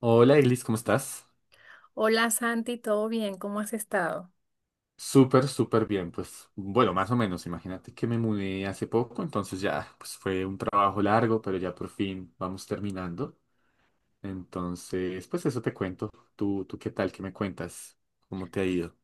Hola, Eglis, ¿cómo estás? Hola Santi, ¿todo bien? ¿Cómo has estado? Súper, súper bien, pues bueno, más o menos, imagínate que me mudé hace poco, entonces ya, pues fue un trabajo largo, pero ya por fin vamos terminando. Entonces, pues eso te cuento. ¿Tú qué tal? ¿Qué me cuentas? ¿Cómo te ha ido?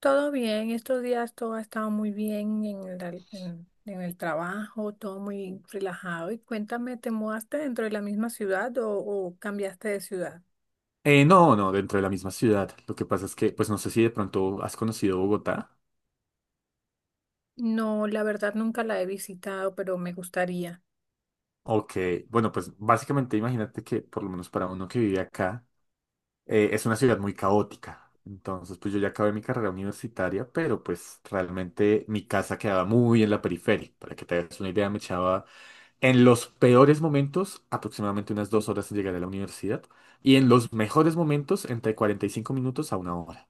Todo bien, estos días todo ha estado muy bien en el trabajo, todo muy relajado. Y cuéntame, ¿te mudaste dentro de la misma ciudad o cambiaste de ciudad? No, no, dentro de la misma ciudad. Lo que pasa es que, pues no sé si de pronto has conocido Bogotá. No, la verdad nunca la he visitado, pero me gustaría. Ok, bueno, pues básicamente imagínate que por lo menos para uno que vive acá, es una ciudad muy caótica. Entonces, pues yo ya acabé mi carrera universitaria, pero pues realmente mi casa quedaba muy en la periferia. Para que te hagas una idea, me echaba en los peores momentos aproximadamente unas 2 horas en llegar a la universidad y en los mejores momentos entre 45 minutos a una hora.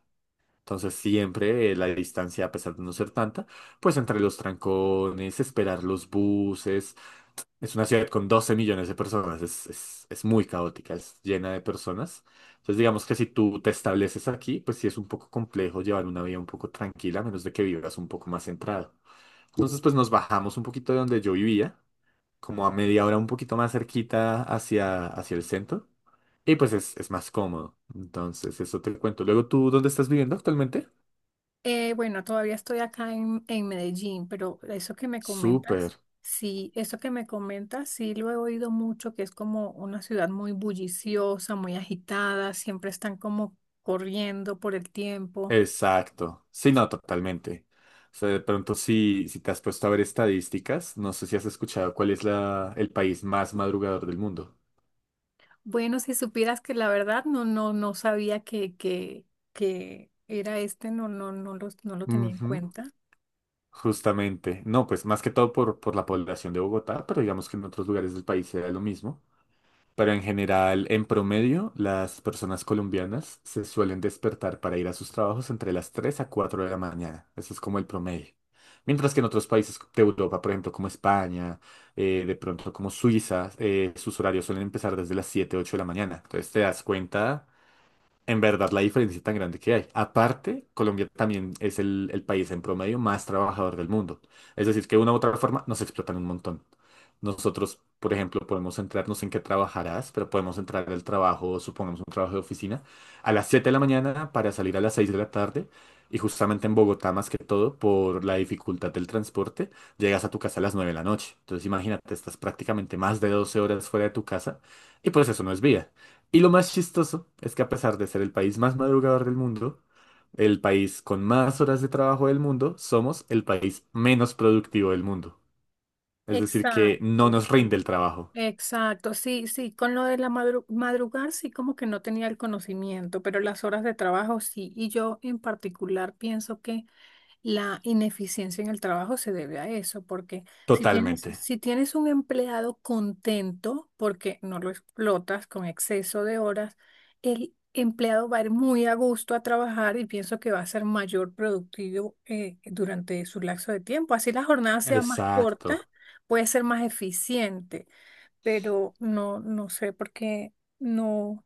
Entonces, siempre la distancia, a pesar de no ser tanta, pues entre los trancones, esperar los buses, es una ciudad con 12 millones de personas, es muy caótica, es llena de personas. Entonces digamos que si tú te estableces aquí, pues sí es un poco complejo llevar una vida un poco tranquila, a menos de que vivas un poco más centrado. Entonces pues nos bajamos un poquito de donde yo vivía, como a media hora un poquito más cerquita hacia el centro, y pues es más cómodo. Entonces eso te cuento. Luego tú, ¿dónde estás viviendo actualmente? Bueno, todavía estoy acá en Medellín, pero eso que me Súper. comentas, sí, eso que me comentas, sí lo he oído mucho, que es como una ciudad muy bulliciosa, muy agitada, siempre están como corriendo por el tiempo. Exacto. Sí, no, totalmente. O sea, de pronto si te has puesto a ver estadísticas, no sé si has escuchado cuál es el país más madrugador del mundo. Bueno, si supieras que la verdad no, no, no sabía que era este, no, no, no lo tenía en Ujú. cuenta. Justamente. No, pues más que todo por la población de Bogotá, pero digamos que en otros lugares del país era lo mismo. Pero en general, en promedio, las personas colombianas se suelen despertar para ir a sus trabajos entre las 3 a 4 de la mañana. Eso es como el promedio. Mientras que en otros países de Europa, por ejemplo, como España, de pronto como Suiza, sus horarios suelen empezar desde las 7 8 de la mañana. Entonces te das cuenta en verdad, la diferencia tan grande que hay. Aparte, Colombia también es el país en promedio más trabajador del mundo. Es decir, que de una u otra forma nos explotan un montón. Nosotros, por ejemplo, podemos centrarnos en qué trabajarás, pero podemos entrar al trabajo, supongamos un trabajo de oficina, a las 7 de la mañana para salir a las 6 de la tarde. Y justamente en Bogotá, más que todo, por la dificultad del transporte, llegas a tu casa a las 9 de la noche. Entonces, imagínate, estás prácticamente más de 12 horas fuera de tu casa y pues eso no es vida. Y lo más chistoso es que a pesar de ser el país más madrugador del mundo, el país con más horas de trabajo del mundo, somos el país menos productivo del mundo. Es decir, que no Exacto, nos rinde sí. el trabajo. Exacto, sí, sí, con lo de la madrugar sí como que no tenía el conocimiento, pero las horas de trabajo sí, y yo en particular pienso que la ineficiencia en el trabajo se debe a eso, porque Totalmente. si tienes un empleado contento porque no lo explotas con exceso de horas, el empleado va a ir muy a gusto a trabajar y pienso que va a ser mayor productivo durante su lapso de tiempo. Así la jornada sea más corta, Exacto. puede ser más eficiente, pero no, no sé por qué no,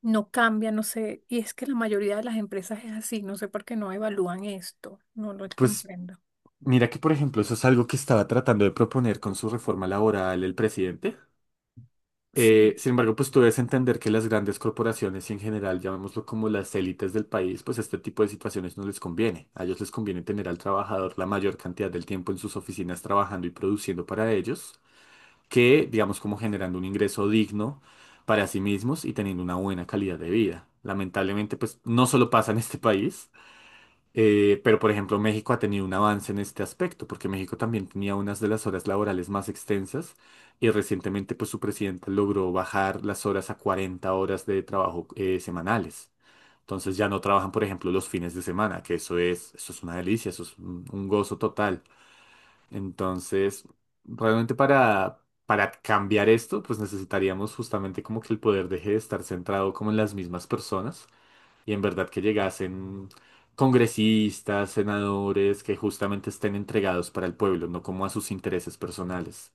no cambia, no sé. Y es que la mayoría de las empresas es así, no sé por qué no evalúan esto, no lo Pues comprendo. mira que, por ejemplo, eso es algo que estaba tratando de proponer con su reforma laboral el presidente. Eh, Sí. sin embargo, pues tú debes entender que las grandes corporaciones y en general, llamémoslo como las élites del país, pues este tipo de situaciones no les conviene. A ellos les conviene tener al trabajador la mayor cantidad del tiempo en sus oficinas trabajando y produciendo para ellos, que digamos como generando un ingreso digno para sí mismos y teniendo una buena calidad de vida. Lamentablemente, pues no solo pasa en este país, pero, por ejemplo, México ha tenido un avance en este aspecto, porque México también tenía unas de las horas laborales más extensas y recientemente, pues, su presidente logró bajar las horas a 40 horas de trabajo semanales. Entonces ya no trabajan, por ejemplo, los fines de semana, que eso es una delicia, eso es un gozo total. Entonces, realmente para cambiar esto, pues necesitaríamos justamente como que el poder deje de estar centrado como en las mismas personas y en verdad que llegasen congresistas, senadores que justamente estén entregados para el pueblo, no como a sus intereses personales.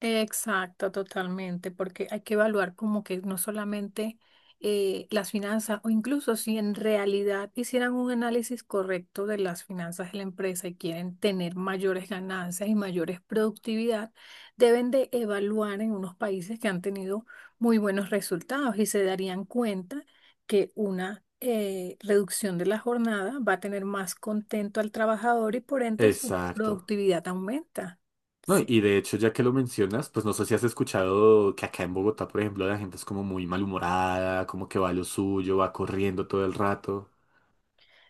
Exacto, totalmente, porque hay que evaluar como que no solamente las finanzas, o incluso si en realidad hicieran un análisis correcto de las finanzas de la empresa y quieren tener mayores ganancias y mayores productividad, deben de evaluar en unos países que han tenido muy buenos resultados y se darían cuenta que una reducción de la jornada va a tener más contento al trabajador y por ende su Exacto. productividad aumenta. No, Sí. y de hecho, ya que lo mencionas, pues no sé si has escuchado que acá en Bogotá, por ejemplo, la gente es como muy malhumorada, como que va a lo suyo, va corriendo todo el rato.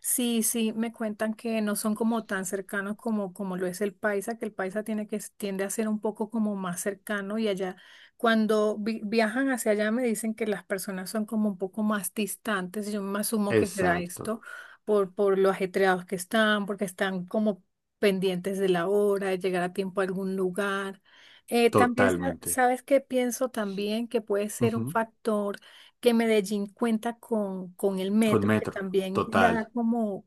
Sí, sí, me cuentan que no son como tan cercanos como, como lo es el paisa, que el paisa tiende a ser un poco como más cercano y allá, cuando viajan hacia allá me dicen que las personas son como un poco más distantes, yo me asumo que será Exacto, esto por lo ajetreados que están, porque están como pendientes de la hora, de llegar a tiempo a algún lugar. También totalmente. sabes que pienso también que puede ser un Ujú. factor que Medellín cuenta con el Con metro, que metro, también le da total, como,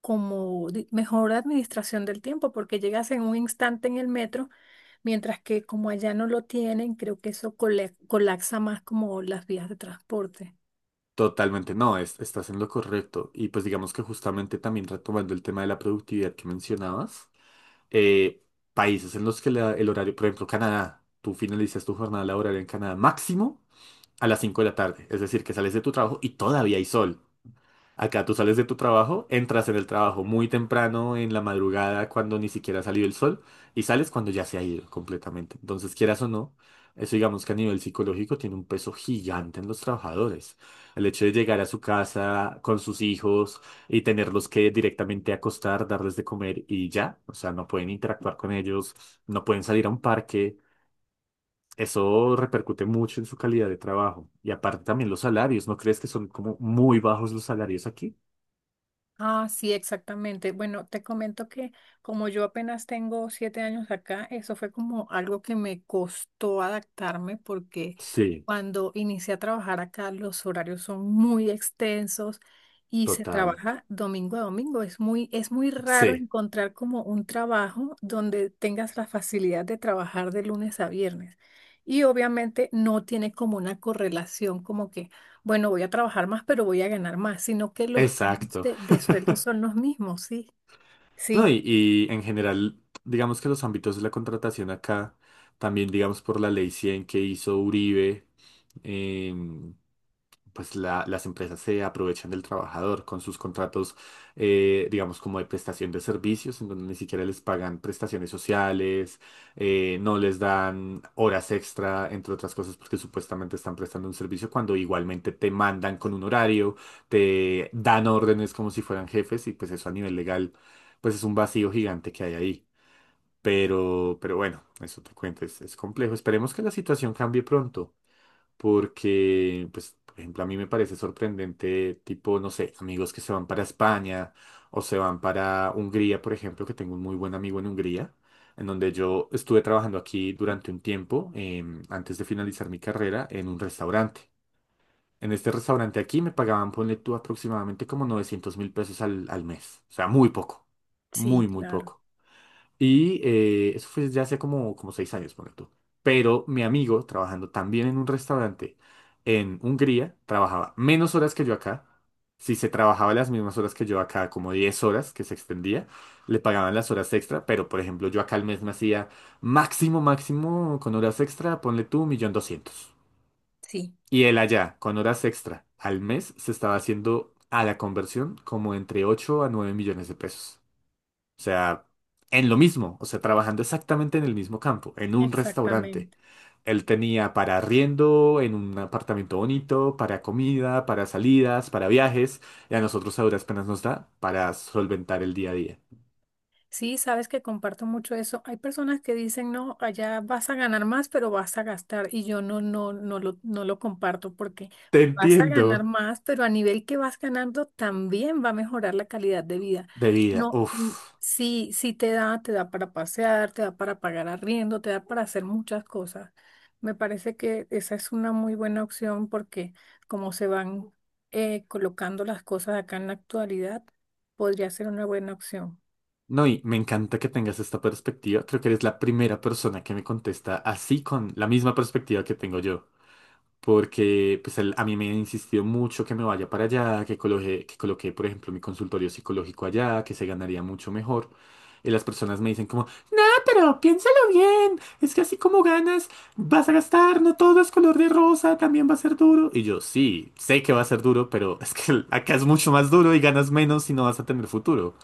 como mejor administración del tiempo, porque llegas en un instante en el metro, mientras que como allá no lo tienen, creo que eso colapsa más como las vías de transporte. totalmente. No, estás en lo correcto. Y pues digamos que justamente también retomando el tema de la productividad que mencionabas. eh, países en los que el horario, por ejemplo, Canadá, tú finalizas tu jornada laboral en Canadá máximo a las 5 de la tarde, es decir, que sales de tu trabajo y todavía hay sol. Acá tú sales de tu trabajo, entras en el trabajo muy temprano en la madrugada cuando ni siquiera ha salido el sol y sales cuando ya se ha ido completamente. Entonces, quieras o no, eso digamos que a nivel psicológico tiene un peso gigante en los trabajadores. El hecho de llegar a su casa con sus hijos y tenerlos que directamente acostar, darles de comer y ya, o sea, no pueden interactuar con ellos, no pueden salir a un parque. Eso repercute mucho en su calidad de trabajo. Y aparte también los salarios, ¿no crees que son como muy bajos los salarios aquí? Ah, sí, exactamente. Bueno, te comento que como yo apenas tengo 7 años acá, eso fue como algo que me costó adaptarme porque Sí, cuando inicié a trabajar acá los horarios son muy extensos y se total. trabaja domingo a domingo. Es muy raro Sí, encontrar como un trabajo donde tengas la facilidad de trabajar de lunes a viernes. Y obviamente no tiene como una correlación como que bueno, voy a trabajar más, pero voy a ganar más, sino que los rangos exacto. De sueldo son los mismos, sí. No, Sí, y en general, digamos que los ámbitos de la contratación acá, también digamos por la ley 100 que hizo Uribe, eh, pues las empresas se aprovechan del trabajador con sus contratos, digamos, como de prestación de servicios, en donde ni siquiera les pagan prestaciones sociales, no les dan horas extra, entre otras cosas, porque supuestamente están prestando un servicio cuando igualmente te mandan con un horario, te dan órdenes como si fueran jefes y pues eso a nivel legal, pues es un vacío gigante que hay ahí. Pero bueno, eso te cuento, es complejo. Esperemos que la situación cambie pronto porque, pues, por ejemplo, a mí me parece sorprendente, tipo, no sé, amigos que se van para España o se van para Hungría, por ejemplo, que tengo un muy buen amigo en Hungría, en donde yo estuve trabajando aquí durante un tiempo, antes de finalizar mi carrera, en un restaurante. En este restaurante aquí me pagaban, ponle tú, aproximadamente como 900 mil pesos al mes. O sea, muy poco. sí, Muy, muy claro, poco. Y eso fue ya hace como 6 años, ponle tú. Pero mi amigo, trabajando también en un restaurante en Hungría, trabajaba menos horas que yo acá. Si se trabajaba las mismas horas que yo acá, como 10 horas que se extendía, le pagaban las horas extra. Pero, por ejemplo, yo acá al mes me hacía máximo, máximo con horas extra, ponle tú, un millón doscientos. sí. Y él allá, con horas extra al mes, se estaba haciendo a la conversión como entre 8 a 9 millones de pesos. O sea, en lo mismo, o sea, trabajando exactamente en el mismo campo, en un restaurante. Exactamente. Él tenía para arriendo, en un apartamento bonito, para comida, para salidas, para viajes, y a nosotros a duras penas nos da para solventar el día a día. Sí, sabes que comparto mucho eso. Hay personas que dicen, no, allá vas a ganar más, pero vas a gastar. Y yo no, no, no lo comparto porque Te vas a ganar entiendo. más, pero a nivel que vas ganando también va a mejorar la calidad de vida. De vida, No, mm, uff. sí, sí te da para pasear, te da para pagar arriendo, te da para hacer muchas cosas. Me parece que esa es una muy buena opción porque como se van colocando las cosas acá en la actualidad, podría ser una buena opción. No, y me encanta que tengas esta perspectiva. Creo que eres la primera persona que me contesta así con la misma perspectiva que tengo yo. Porque pues a mí me insistió mucho que me vaya para allá, que coloque, por ejemplo, mi consultorio psicológico allá, que se ganaría mucho mejor. Y las personas me dicen como, ah, pero piénsalo bien, es que así como ganas, vas a gastar, no todo es color de rosa, también va a ser duro. Y yo, sí, sé que va a ser duro, pero es que acá es mucho más duro y ganas menos y no vas a tener futuro.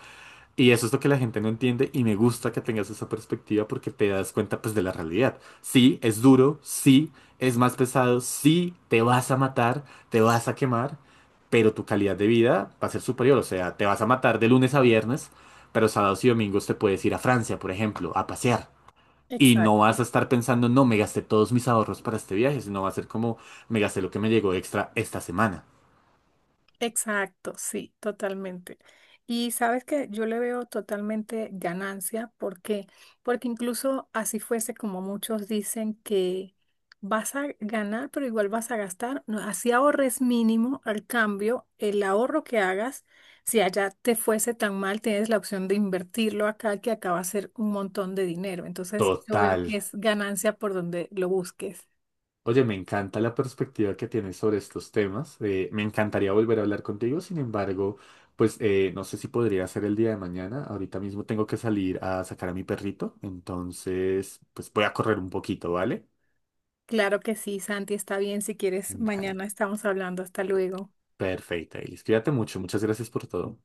Y eso es lo que la gente no entiende y me gusta que tengas esa perspectiva porque te das cuenta pues de la realidad. Sí, es duro, sí, es más pesado, sí, te vas a matar, te vas a quemar, pero tu calidad de vida va a ser superior. O sea, te vas a matar de lunes a viernes, pero sábados y domingos te puedes ir a Francia, por ejemplo, a pasear. Y no vas Exacto, a estar pensando, no, me gasté todos mis ahorros para este viaje, sino va a ser como, me gasté lo que me llegó extra esta semana. exacto, sí, totalmente. Y sabes que yo le veo totalmente ganancia, ¿por qué? Porque incluso así fuese como muchos dicen que vas a ganar, pero igual vas a gastar, no, así ahorres mínimo, al cambio, el ahorro que hagas, si allá te fuese tan mal, tienes la opción de invertirlo acá, que acá va a ser un montón de dinero. Entonces, yo veo Total. que es ganancia por donde lo busques. Oye, me encanta la perspectiva que tienes sobre estos temas. Me encantaría volver a hablar contigo. Sin embargo, pues no sé si podría ser el día de mañana. Ahorita mismo tengo que salir a sacar a mi perrito. Entonces, pues voy a correr un poquito, ¿vale? Claro que sí, Santi, está bien. Si quieres, Dale. mañana estamos hablando. Hasta luego. Perfecto, Elis. Cuídate mucho. Muchas gracias por todo.